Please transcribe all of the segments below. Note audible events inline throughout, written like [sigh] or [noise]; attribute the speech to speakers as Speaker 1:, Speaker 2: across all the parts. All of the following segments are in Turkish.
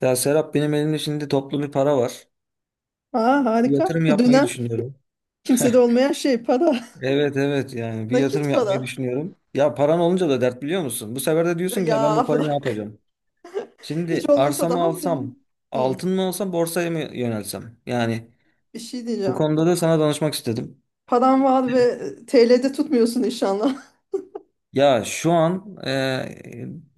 Speaker 1: Ya Serap benim elimde şimdi toplu bir para var.
Speaker 2: Aa,
Speaker 1: Bir
Speaker 2: harika.
Speaker 1: yatırım
Speaker 2: Bu
Speaker 1: yapmayı
Speaker 2: dönem
Speaker 1: düşünüyorum. [laughs]
Speaker 2: kimsede olmayan şey para. [laughs]
Speaker 1: Evet evet yani bir
Speaker 2: Nakit
Speaker 1: yatırım yapmayı
Speaker 2: para.
Speaker 1: düşünüyorum. Ya paran olunca da dert biliyor musun? Bu sefer de diyorsun ki ya ben bu
Speaker 2: Ya
Speaker 1: parayı ne
Speaker 2: bırak.
Speaker 1: yapacağım?
Speaker 2: Hiç
Speaker 1: Şimdi
Speaker 2: olmasa
Speaker 1: arsamı
Speaker 2: daha mı iyi?
Speaker 1: alsam,
Speaker 2: Hı,
Speaker 1: altın mı alsam, borsaya mı yönelsem? Yani
Speaker 2: bir şey
Speaker 1: bu
Speaker 2: diyeceğim.
Speaker 1: konuda da sana danışmak istedim.
Speaker 2: Paran var ve TL'de tutmuyorsun inşallah.
Speaker 1: Ya şu an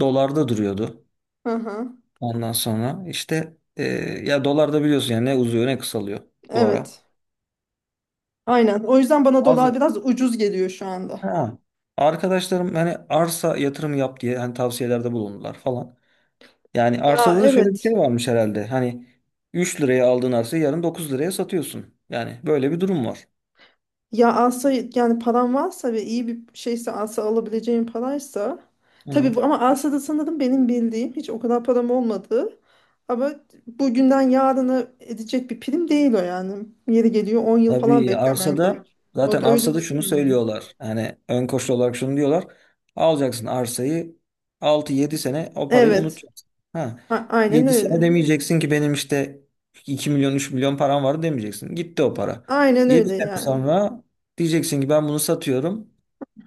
Speaker 1: dolarda duruyordu.
Speaker 2: [laughs] Hı hı.
Speaker 1: Ondan sonra işte ya dolarda biliyorsun yani ne uzuyor ne kısalıyor bu ara.
Speaker 2: Evet. Aynen. O yüzden bana dolar
Speaker 1: Bazı.
Speaker 2: biraz ucuz geliyor şu anda.
Speaker 1: Ha. Arkadaşlarım hani arsa yatırımı yap diye hani tavsiyelerde bulundular falan. Yani
Speaker 2: Ya
Speaker 1: arsada da şöyle bir şey
Speaker 2: evet.
Speaker 1: varmış herhalde. Hani 3 liraya aldığın arsayı yarın 9 liraya satıyorsun. Yani böyle bir durum var.
Speaker 2: Ya alsa yani paran varsa ve iyi bir şeyse alsa alabileceğim paraysa
Speaker 1: Hı.
Speaker 2: tabii bu ama alsada sanırım benim bildiğim hiç o kadar param olmadı. Ama bugünden yarına edecek bir prim değil o yani. Yeri geliyor 10 yıl falan
Speaker 1: Tabii
Speaker 2: beklemen
Speaker 1: arsada
Speaker 2: gerekiyor. O
Speaker 1: zaten
Speaker 2: da öyle bir...
Speaker 1: arsada şunu
Speaker 2: Hmm.
Speaker 1: söylüyorlar. Yani ön koşul olarak şunu diyorlar. Alacaksın arsayı 6-7 sene o parayı
Speaker 2: Evet.
Speaker 1: unutacaksın. Ha.
Speaker 2: Aynen
Speaker 1: 7 sene
Speaker 2: öyle.
Speaker 1: demeyeceksin ki benim işte 2 milyon 3 milyon param vardı demeyeceksin. Gitti o para.
Speaker 2: Aynen
Speaker 1: yedi
Speaker 2: öyle
Speaker 1: sene
Speaker 2: yani.
Speaker 1: sonra diyeceksin ki ben bunu satıyorum.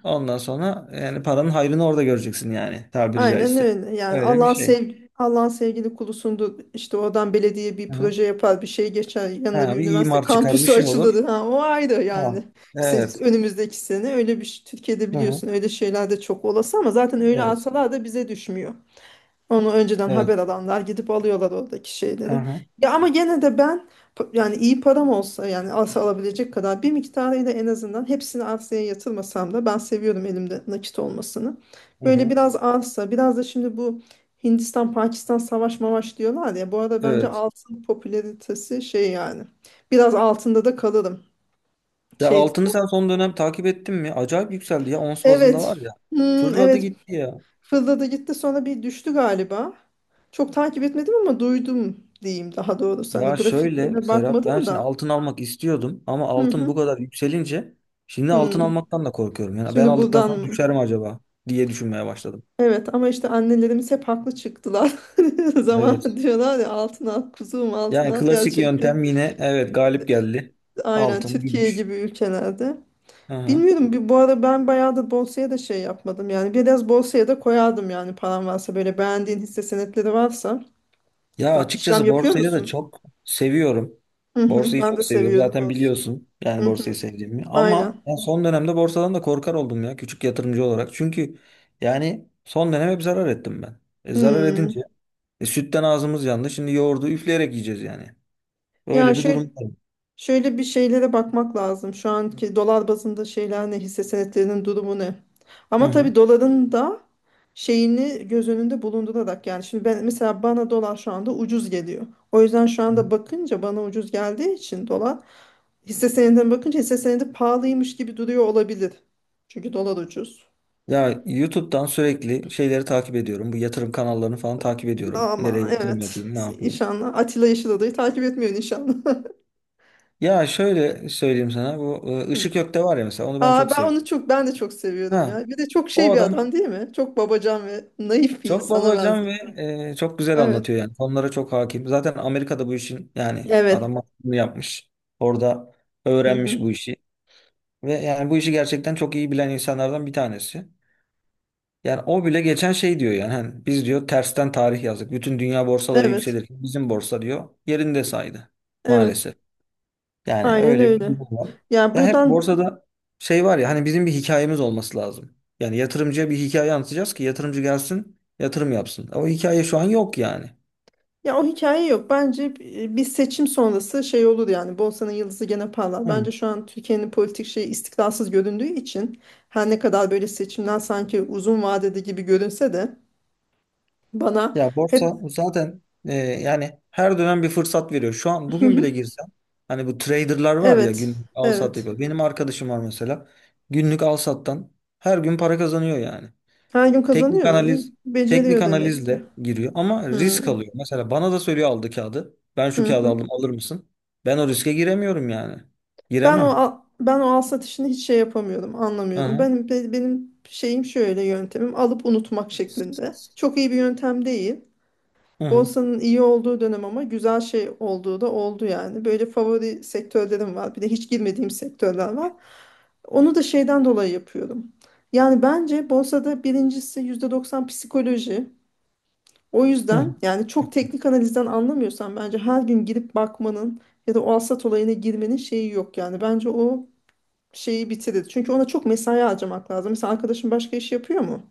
Speaker 1: Ondan sonra yani paranın hayrını orada göreceksin yani tabiri
Speaker 2: Aynen
Speaker 1: caizse.
Speaker 2: öyle. Yani
Speaker 1: Öyle bir şey.
Speaker 2: Allah'ın sevgili kulusundu. İşte oradan belediye bir
Speaker 1: Hı.
Speaker 2: proje yapar, bir şey geçer. Yanına bir
Speaker 1: Ha, bir
Speaker 2: üniversite
Speaker 1: imar çıkar bir
Speaker 2: kampüsü [laughs]
Speaker 1: şey olur.
Speaker 2: açılır. Ha, o ayrı yani.
Speaker 1: Ha.
Speaker 2: İşte
Speaker 1: Evet.
Speaker 2: önümüzdeki sene Türkiye'de
Speaker 1: Hı hı.
Speaker 2: biliyorsun öyle şeyler de çok olası ama zaten öyle
Speaker 1: Evet.
Speaker 2: alsalar da bize düşmüyor. Onu önceden haber
Speaker 1: Evet.
Speaker 2: alanlar gidip alıyorlar oradaki şeyleri.
Speaker 1: Aha.
Speaker 2: Ya ama gene de ben yani iyi param olsa yani arsa alabilecek kadar bir miktarıyla en azından hepsini arsaya yatırmasam da ben seviyorum elimde nakit olmasını.
Speaker 1: Hı
Speaker 2: Böyle
Speaker 1: hı.
Speaker 2: biraz arsa biraz da şimdi bu Hindistan Pakistan savaş mavaş diyorlar ya bu arada bence
Speaker 1: Evet.
Speaker 2: altın popülaritesi şey yani biraz altında da kalırım.
Speaker 1: Ya
Speaker 2: Şey,
Speaker 1: altını sen son dönem takip ettin mi? Acayip yükseldi ya. Ons bazında var
Speaker 2: evet.
Speaker 1: ya.
Speaker 2: Hmm,
Speaker 1: Fırladı
Speaker 2: evet.
Speaker 1: gitti ya.
Speaker 2: Fırladı gitti sonra bir düştü galiba. Çok takip etmedim ama duydum diyeyim daha doğrusu. Hani
Speaker 1: Ya şöyle
Speaker 2: grafiklerine
Speaker 1: Serap ben
Speaker 2: bakmadım
Speaker 1: şimdi
Speaker 2: da.
Speaker 1: altın almak istiyordum ama
Speaker 2: Hı
Speaker 1: altın
Speaker 2: hı.
Speaker 1: bu kadar yükselince şimdi altın
Speaker 2: Hı.
Speaker 1: almaktan da korkuyorum. Yani ben
Speaker 2: Şimdi
Speaker 1: aldıktan sonra
Speaker 2: buradan
Speaker 1: düşer mi acaba diye düşünmeye başladım.
Speaker 2: evet ama işte annelerimiz hep haklı çıktılar. [laughs] Zaman
Speaker 1: Evet.
Speaker 2: diyorlar ya altın al kuzum altın
Speaker 1: Yani
Speaker 2: al
Speaker 1: klasik
Speaker 2: gerçekten.
Speaker 1: yöntem yine evet galip geldi.
Speaker 2: Aynen
Speaker 1: Altın,
Speaker 2: Türkiye
Speaker 1: gümüş.
Speaker 2: gibi ülkelerde.
Speaker 1: Aha.
Speaker 2: Bilmiyorum bir bu ara ben bayağı da borsaya da şey yapmadım yani biraz borsaya da koyardım yani param varsa böyle beğendiğin hisse senetleri varsa.
Speaker 1: Ya
Speaker 2: İşlem
Speaker 1: açıkçası
Speaker 2: yapıyor
Speaker 1: borsayı da
Speaker 2: musun?
Speaker 1: çok seviyorum.
Speaker 2: Hı hı,
Speaker 1: Borsayı
Speaker 2: ben de
Speaker 1: çok seviyorum.
Speaker 2: seviyorum
Speaker 1: Zaten
Speaker 2: borsayı.
Speaker 1: biliyorsun yani
Speaker 2: Hı
Speaker 1: borsayı
Speaker 2: hı,
Speaker 1: sevdiğimi.
Speaker 2: aynen.
Speaker 1: Ama ben son dönemde borsadan da korkar oldum ya küçük yatırımcı olarak. Çünkü yani son dönem hep zarar ettim ben. Zarar edince
Speaker 2: Hmm.
Speaker 1: sütten ağzımız yandı. Şimdi yoğurdu üfleyerek yiyeceğiz yani.
Speaker 2: Ya
Speaker 1: Böyle bir durum
Speaker 2: şöyle
Speaker 1: var.
Speaker 2: şöyle bir şeylere bakmak lazım. Şu anki dolar bazında şeyler ne, hisse senetlerinin durumu ne?
Speaker 1: Hı
Speaker 2: Ama
Speaker 1: hı.
Speaker 2: tabii doların da şeyini göz önünde bulundurarak yani şimdi ben mesela bana dolar şu anda ucuz geliyor. O yüzden şu anda bakınca bana ucuz geldiği için dolar hisse senedine bakınca hisse senedi pahalıymış gibi duruyor olabilir. Çünkü dolar ucuz.
Speaker 1: Ya YouTube'dan sürekli şeyleri takip ediyorum. Bu yatırım kanallarını falan takip ediyorum. Nereye
Speaker 2: Ama
Speaker 1: yatırım
Speaker 2: evet,
Speaker 1: yapayım, ne yapayım.
Speaker 2: inşallah Atilla Yeşil Odayı takip etmiyorsun inşallah.
Speaker 1: Ya şöyle söyleyeyim sana. Bu Işık
Speaker 2: [laughs]
Speaker 1: Gök'te var ya mesela onu ben
Speaker 2: Aa,
Speaker 1: çok seviyorum.
Speaker 2: ben de çok seviyordum
Speaker 1: Ha.
Speaker 2: ya. Bir de çok
Speaker 1: O
Speaker 2: şey bir
Speaker 1: adam
Speaker 2: adam değil mi? Çok babacan ve naif bir
Speaker 1: çok
Speaker 2: insana
Speaker 1: babacan ve
Speaker 2: benziyor.
Speaker 1: çok güzel
Speaker 2: Evet.
Speaker 1: anlatıyor yani. Konulara çok hakim. Zaten Amerika'da bu işin yani
Speaker 2: Evet.
Speaker 1: adam bunu yapmış. Orada
Speaker 2: Hı
Speaker 1: öğrenmiş
Speaker 2: hı.
Speaker 1: bu işi. Ve yani bu işi gerçekten çok iyi bilen insanlardan bir tanesi. Yani o bile geçen şey diyor yani hani biz diyor tersten tarih yazdık. Bütün dünya borsaları
Speaker 2: Evet.
Speaker 1: yükselirken bizim borsa diyor yerinde saydı
Speaker 2: Evet.
Speaker 1: maalesef. Yani
Speaker 2: Aynen
Speaker 1: öyle bir
Speaker 2: öyle.
Speaker 1: durum var.
Speaker 2: Ya
Speaker 1: Ya hep
Speaker 2: buradan
Speaker 1: borsada şey var ya hani bizim bir hikayemiz olması lazım. Yani yatırımcıya bir hikaye anlatacağız ki yatırımcı gelsin yatırım yapsın. O hikaye şu an yok yani.
Speaker 2: Ya o hikaye yok. Bence bir seçim sonrası şey olur yani. Borsa'nın yıldızı gene parlar. Bence
Speaker 1: Hı.
Speaker 2: şu an Türkiye'nin politik şeyi istikrarsız göründüğü için her ne kadar böyle seçimden sanki uzun vadede gibi görünse de bana
Speaker 1: Ya borsa
Speaker 2: hep
Speaker 1: zaten yani her dönem bir fırsat veriyor. Şu an bugün bile girsem hani bu traderlar
Speaker 2: [laughs]
Speaker 1: var ya
Speaker 2: evet.
Speaker 1: gün al sat
Speaker 2: Evet.
Speaker 1: yapıyor. Benim arkadaşım var mesela günlük al sattan her gün para kazanıyor yani.
Speaker 2: Her gün
Speaker 1: Teknik
Speaker 2: kazanıyor mu?
Speaker 1: analiz
Speaker 2: İyi,
Speaker 1: Teknik
Speaker 2: beceriyor demek ki.
Speaker 1: analizle giriyor ama risk
Speaker 2: Hmm.
Speaker 1: alıyor. Mesela bana da söylüyor aldı kağıdı. Ben şu
Speaker 2: Hı
Speaker 1: kağıdı
Speaker 2: hı.
Speaker 1: aldım alır mısın? Ben o riske giremiyorum yani.
Speaker 2: Ben o
Speaker 1: Giremem.
Speaker 2: al- ben o al satışını hiç şey yapamıyordum,
Speaker 1: Hı
Speaker 2: anlamıyordum.
Speaker 1: hı.
Speaker 2: Benim şeyim şöyle yöntemim alıp unutmak şeklinde. Çok iyi bir yöntem değil.
Speaker 1: Hı hı.
Speaker 2: Borsanın iyi olduğu dönem ama güzel şey olduğu da oldu yani. Böyle favori sektörlerim var. Bir de hiç girmediğim sektörler var. Onu da şeyden dolayı yapıyorum. Yani bence borsada birincisi %90 psikoloji. O
Speaker 1: Hı hı.
Speaker 2: yüzden yani çok teknik analizden anlamıyorsan bence her gün girip bakmanın ya da o alsat olayına girmenin şeyi yok yani. Bence o şeyi bitirir. Çünkü ona çok mesai harcamak lazım. Mesela arkadaşın başka iş yapıyor mu?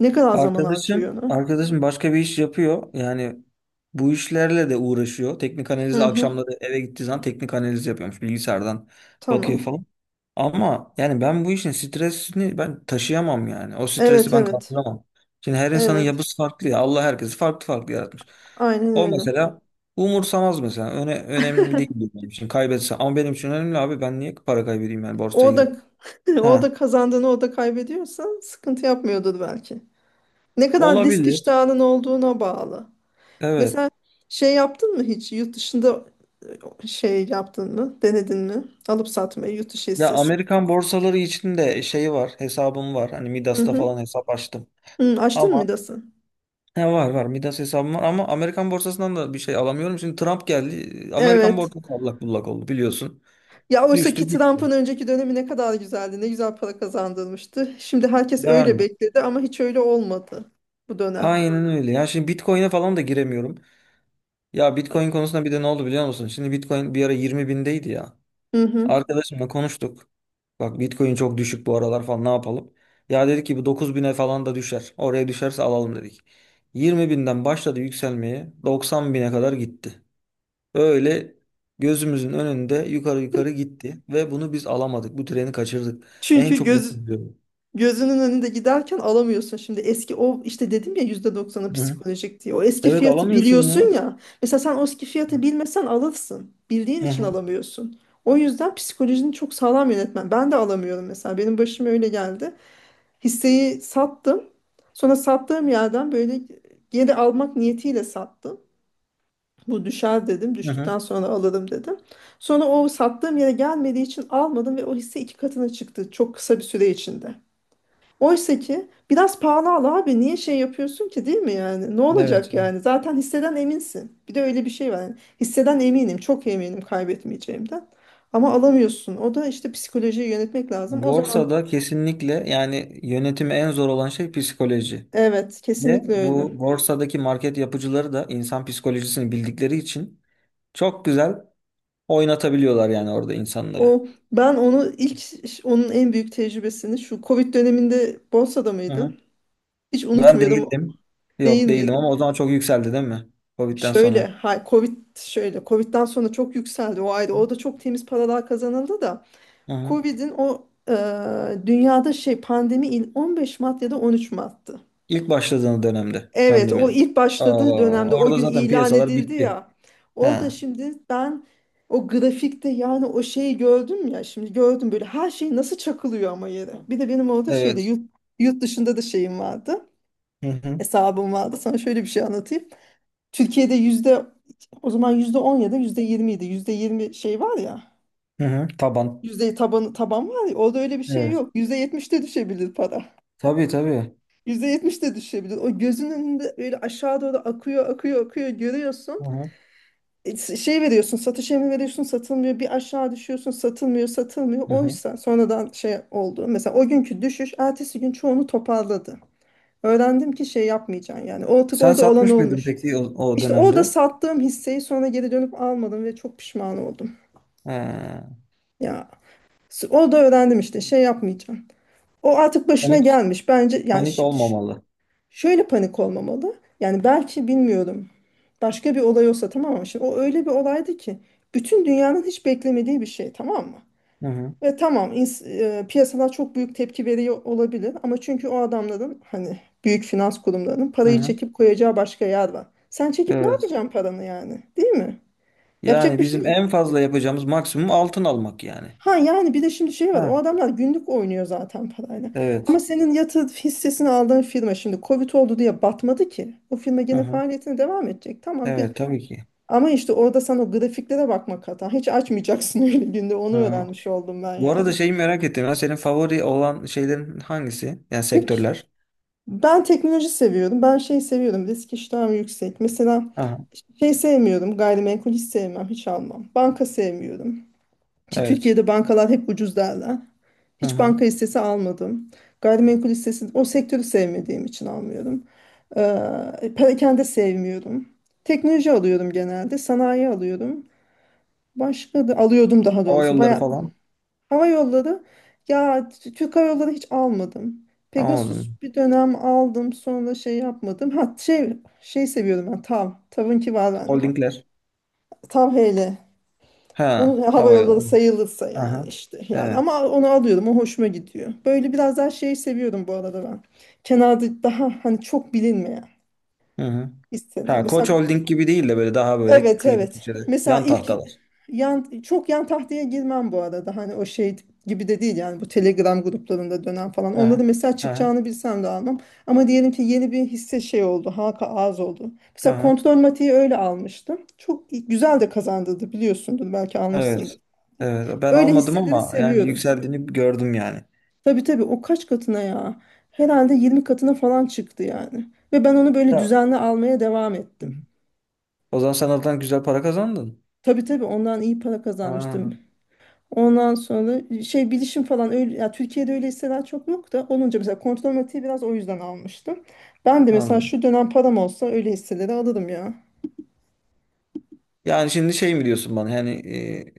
Speaker 2: Ne kadar zaman harcıyor
Speaker 1: Arkadaşım,
Speaker 2: ona?
Speaker 1: arkadaşım başka bir iş yapıyor. Yani bu işlerle de uğraşıyor. Teknik
Speaker 2: Hı
Speaker 1: analizi
Speaker 2: hı.
Speaker 1: akşamları eve gittiği zaman teknik analiz yapıyormuş. Bilgisayardan bakıyor
Speaker 2: Tamam.
Speaker 1: falan. Ama yani ben bu işin stresini ben taşıyamam yani. O stresi
Speaker 2: Evet,
Speaker 1: ben
Speaker 2: evet.
Speaker 1: kaldıramam. Şimdi her insanın
Speaker 2: Evet.
Speaker 1: yapısı farklı ya. Allah herkesi farklı farklı yaratmış.
Speaker 2: Aynen
Speaker 1: O
Speaker 2: öyle.
Speaker 1: mesela umursamaz mesela. Önemli değil benim için kaybetse. Ama benim için önemli abi. Ben niye para kaybedeyim yani borsaya
Speaker 2: O
Speaker 1: girip?
Speaker 2: da [laughs] o
Speaker 1: Ha,
Speaker 2: da kazandığını o da kaybediyorsa sıkıntı yapmıyordur belki. Ne kadar risk
Speaker 1: olabilir.
Speaker 2: iştahının olduğuna bağlı.
Speaker 1: Evet.
Speaker 2: Mesela şey yaptın mı hiç yurt dışında şey yaptın mı? Denedin mi? Alıp satmayı yurt dışı
Speaker 1: Ya
Speaker 2: hissesi.
Speaker 1: Amerikan borsaları için de şey var. Hesabım var. Hani
Speaker 2: Hı
Speaker 1: Midas'ta
Speaker 2: hı.
Speaker 1: falan hesap açtım.
Speaker 2: Hı, açtın mı
Speaker 1: Ama
Speaker 2: Midas'ı?
Speaker 1: he var var Midas hesabım var ama Amerikan borsasından da bir şey alamıyorum. Şimdi Trump geldi. Amerikan
Speaker 2: Evet.
Speaker 1: borsası allak bullak oldu biliyorsun.
Speaker 2: Ya oysa
Speaker 1: Düştü
Speaker 2: ki Trump'ın
Speaker 1: gitti.
Speaker 2: önceki dönemi ne kadar güzeldi. Ne güzel para kazandırmıştı. Şimdi herkes öyle
Speaker 1: Yani
Speaker 2: bekledi ama hiç öyle olmadı bu dönem.
Speaker 1: aynen öyle. Ya şimdi Bitcoin'e falan da giremiyorum. Ya Bitcoin konusunda bir de ne oldu biliyor musun? Şimdi Bitcoin bir ara 20 bindeydi ya.
Speaker 2: Hı hı.
Speaker 1: Arkadaşımla konuştuk. Bak Bitcoin çok düşük bu aralar falan ne yapalım? Ya dedi ki bu 9.000'e falan da düşer. Oraya düşerse alalım dedik. 20 binden başladı yükselmeye 90 bine kadar gitti. Böyle gözümüzün önünde yukarı yukarı gitti ve bunu biz alamadık. Bu treni kaçırdık. En
Speaker 2: Çünkü
Speaker 1: çok bunu
Speaker 2: göz
Speaker 1: üzüyorum.
Speaker 2: gözünün önünde giderken alamıyorsun. Şimdi eski o işte dedim ya %90'ı
Speaker 1: Hı hı.
Speaker 2: psikolojik diye. O eski
Speaker 1: Evet
Speaker 2: fiyatı
Speaker 1: alamıyorsun
Speaker 2: biliyorsun
Speaker 1: ya.
Speaker 2: ya. Mesela sen o eski fiyatı bilmesen alırsın. Bildiğin
Speaker 1: Hı
Speaker 2: için
Speaker 1: hı.
Speaker 2: alamıyorsun. O yüzden psikolojini çok sağlam yönetmen. Ben de alamıyorum mesela. Benim başıma öyle geldi. Hisseyi sattım. Sonra sattığım yerden böyle geri almak niyetiyle sattım. Bu düşer dedim.
Speaker 1: Hı hı.
Speaker 2: Düştükten sonra alırım dedim. Sonra o sattığım yere gelmediği için almadım ve o hisse 2 katına çıktı. Çok kısa bir süre içinde. Oysa ki biraz pahalı al abi niye şey yapıyorsun ki değil mi yani? Ne
Speaker 1: Evet.
Speaker 2: olacak
Speaker 1: Evet.
Speaker 2: yani? Zaten hisseden eminsin. Bir de öyle bir şey var. Yani hisseden eminim, çok eminim kaybetmeyeceğimden. Ama alamıyorsun. O da işte psikolojiyi yönetmek lazım. O zaman
Speaker 1: Borsada kesinlikle yani yönetimi en zor olan şey psikoloji.
Speaker 2: evet,
Speaker 1: Ve
Speaker 2: kesinlikle öyle.
Speaker 1: bu borsadaki market yapıcıları da insan psikolojisini bildikleri için çok güzel oynatabiliyorlar yani orada insanları.
Speaker 2: O ben onu ilk onun en büyük tecrübesini şu Covid döneminde borsada
Speaker 1: Hı hı.
Speaker 2: mıydın? Hiç
Speaker 1: Ben
Speaker 2: unutmuyordum.
Speaker 1: değildim.
Speaker 2: Değil
Speaker 1: Yok değildim ama
Speaker 2: miydin?
Speaker 1: o zaman çok yükseldi değil mi? Covid'den
Speaker 2: Şöyle,
Speaker 1: sonra.
Speaker 2: ha, Covid'den sonra çok yükseldi o ayda. O da çok temiz paralar kazanıldı da.
Speaker 1: Hı hı.
Speaker 2: Covid'in o dünyada şey pandemi 15 Mart ya da 13 Mart'tı.
Speaker 1: İlk başladığı dönemde
Speaker 2: Evet, o
Speaker 1: pandeminin.
Speaker 2: ilk başladığı
Speaker 1: Aa,
Speaker 2: dönemde o
Speaker 1: orada
Speaker 2: gün
Speaker 1: zaten
Speaker 2: ilan
Speaker 1: piyasalar
Speaker 2: edildi
Speaker 1: bitti.
Speaker 2: ya. Orada
Speaker 1: Ha,
Speaker 2: şimdi ben o grafikte yani o şeyi gördüm ya şimdi gördüm böyle her şey nasıl çakılıyor ama yere. Bir de benim orada şeyde
Speaker 1: evet.
Speaker 2: yurt dışında da şeyim vardı.
Speaker 1: Hı hı.
Speaker 2: Hesabım vardı. Sana şöyle bir şey anlatayım. Türkiye'de o zaman yüzde 10 ya da yüzde 20 idi. Yüzde 20 şey var ya.
Speaker 1: Hı hı. Taban.
Speaker 2: Yüzde taban, taban var ya. Orada öyle bir şey
Speaker 1: Evet.
Speaker 2: yok. Yüzde 70'te düşebilir para.
Speaker 1: Tabii tabii.
Speaker 2: %70 de düşebilir. O gözünün önünde öyle aşağı doğru akıyor, akıyor, akıyor görüyorsun.
Speaker 1: Hı hı.
Speaker 2: Satış emri veriyorsun, satılmıyor. Bir aşağı düşüyorsun, satılmıyor, satılmıyor.
Speaker 1: Hı hı.
Speaker 2: Oysa sonradan şey oldu. Mesela o günkü düşüş, ertesi gün çoğunu toparladı. Öğrendim ki şey yapmayacaksın yani. Artık
Speaker 1: Sen
Speaker 2: orada olan
Speaker 1: satmış mıydın
Speaker 2: olmuş.
Speaker 1: peki o
Speaker 2: İşte orada
Speaker 1: dönemde?
Speaker 2: sattığım hisseyi sonra geri dönüp almadım ve çok pişman oldum.
Speaker 1: Ha.
Speaker 2: Ya orada öğrendim işte şey yapmayacağım. O artık başına
Speaker 1: Panik
Speaker 2: gelmiş. Bence yani
Speaker 1: Panik
Speaker 2: şimdi
Speaker 1: olmamalı.
Speaker 2: şöyle panik olmamalı. Yani belki bilmiyorum. Başka bir olay olsa tamam mı? Şimdi o öyle bir olaydı ki bütün dünyanın hiç beklemediği bir şey tamam mı?
Speaker 1: Hı hı.
Speaker 2: Ve tamam piyasalar çok büyük tepki veriyor olabilir ama çünkü o adamların hani büyük finans kurumlarının
Speaker 1: Hı
Speaker 2: parayı
Speaker 1: hı.
Speaker 2: çekip koyacağı başka yer var. Sen çekip ne
Speaker 1: Evet.
Speaker 2: yapacaksın paranı yani? Değil mi? Yapacak
Speaker 1: Yani
Speaker 2: bir şey
Speaker 1: bizim
Speaker 2: yok.
Speaker 1: en fazla yapacağımız maksimum altın almak yani.
Speaker 2: Ha yani bir de şimdi şey var
Speaker 1: Ha,
Speaker 2: o adamlar günlük oynuyor zaten parayla. Ama
Speaker 1: evet.
Speaker 2: senin yatırım hissesini aldığın firma şimdi Covid oldu diye batmadı ki. O firma
Speaker 1: Hı
Speaker 2: gene
Speaker 1: hı.
Speaker 2: faaliyetine devam edecek. Tamam
Speaker 1: Evet tabii ki.
Speaker 2: ama işte orada sen o grafiklere bakmak hata. Hiç açmayacaksın [laughs] öyle günde onu
Speaker 1: Hı.
Speaker 2: öğrenmiş oldum ben
Speaker 1: Bu arada
Speaker 2: yani.
Speaker 1: şeyi merak ettim. Ya, senin favori olan şeylerin hangisi? Yani
Speaker 2: Çünkü
Speaker 1: sektörler.
Speaker 2: ben teknoloji seviyorum. Ben şey seviyorum. Risk iştahım yüksek. Mesela
Speaker 1: Aha,
Speaker 2: şey sevmiyorum. Gayrimenkul hiç sevmem. Hiç almam. Banka sevmiyorum. Ki
Speaker 1: evet.
Speaker 2: Türkiye'de bankalar hep ucuz derler.
Speaker 1: Hı
Speaker 2: Hiç
Speaker 1: hı.
Speaker 2: banka hissesi almadım. Gayrimenkul hissesi o sektörü sevmediğim için almıyorum. Perakende sevmiyorum. Teknoloji alıyorum genelde. Sanayi alıyorum. Başka da alıyordum daha
Speaker 1: Hava
Speaker 2: doğrusu.
Speaker 1: yolları
Speaker 2: Bayağı,
Speaker 1: falan.
Speaker 2: hava yolları ya Türk Hava Yolları hiç almadım. Pegasus
Speaker 1: Anladım.
Speaker 2: bir dönem aldım sonra şey yapmadım. Ha şey seviyorum ben TAV. TAV'ınki var bende bak.
Speaker 1: Holdingler.
Speaker 2: TAV HL.
Speaker 1: Ha,
Speaker 2: Onun hava
Speaker 1: hava
Speaker 2: yolları
Speaker 1: yolları.
Speaker 2: sayılırsa yani
Speaker 1: Aha.
Speaker 2: işte yani
Speaker 1: Evet.
Speaker 2: ama onu alıyorum o hoşuma gidiyor. Böyle biraz daha şey seviyorum bu arada ben. Kenarda daha hani çok bilinmeyen
Speaker 1: Hı hı.
Speaker 2: istedim.
Speaker 1: Ha, Koç
Speaker 2: Mesela
Speaker 1: Holding gibi değil de böyle daha böyle
Speaker 2: evet,
Speaker 1: kıyıda
Speaker 2: evet.
Speaker 1: köşede
Speaker 2: Mesela
Speaker 1: yan
Speaker 2: ilk
Speaker 1: tahtalar.
Speaker 2: yan çok yan tahtaya girmem bu arada. Hani o şey gibi de değil yani bu Telegram gruplarında dönen falan. Onları
Speaker 1: Aha.
Speaker 2: mesela
Speaker 1: Aha.
Speaker 2: çıkacağını bilsem de almam. Ama diyelim ki yeni bir hisse şey oldu. Halka arz oldu. Mesela
Speaker 1: Aha.
Speaker 2: kontrol matiği öyle almıştım. Çok güzel de kazandırdı biliyorsundur belki almışsındır.
Speaker 1: Evet. Evet. Ben
Speaker 2: Öyle
Speaker 1: almadım
Speaker 2: hisseleri
Speaker 1: ama yani
Speaker 2: seviyorum.
Speaker 1: yükseldiğini gördüm yani.
Speaker 2: Tabii, tabii o kaç katına ya? Herhalde 20 katına falan çıktı yani. Ve ben onu böyle
Speaker 1: Ya.
Speaker 2: düzenli almaya devam ettim.
Speaker 1: O zaman sen oradan güzel para kazandın.
Speaker 2: Tabii, tabii ondan iyi para
Speaker 1: Aa,
Speaker 2: kazanmıştım. Ondan sonra şey bilişim falan öyle ya Türkiye'de öyle hisseler çok yok da olunca mesela kontrol matiği biraz o yüzden almıştım. Ben de mesela
Speaker 1: anladım.
Speaker 2: şu dönem param olsa öyle hisseleri alırım ya.
Speaker 1: Yani şimdi şey mi diyorsun bana? Yani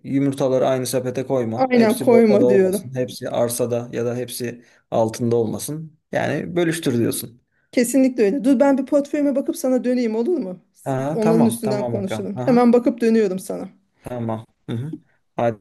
Speaker 1: yumurtaları aynı sepete koyma.
Speaker 2: Aynen
Speaker 1: Hepsi borsada
Speaker 2: koyma diyorum.
Speaker 1: olmasın. Hepsi arsada ya da hepsi altında olmasın. Yani bölüştür diyorsun.
Speaker 2: Kesinlikle öyle. Dur ben bir portföyüme bakıp sana döneyim olur mu?
Speaker 1: Aha,
Speaker 2: Onların
Speaker 1: tamam.
Speaker 2: üstünden
Speaker 1: Tamam bakalım.
Speaker 2: konuşalım.
Speaker 1: Aha,
Speaker 2: Hemen bakıp dönüyorum sana.
Speaker 1: tamam. Hı hı. Hadi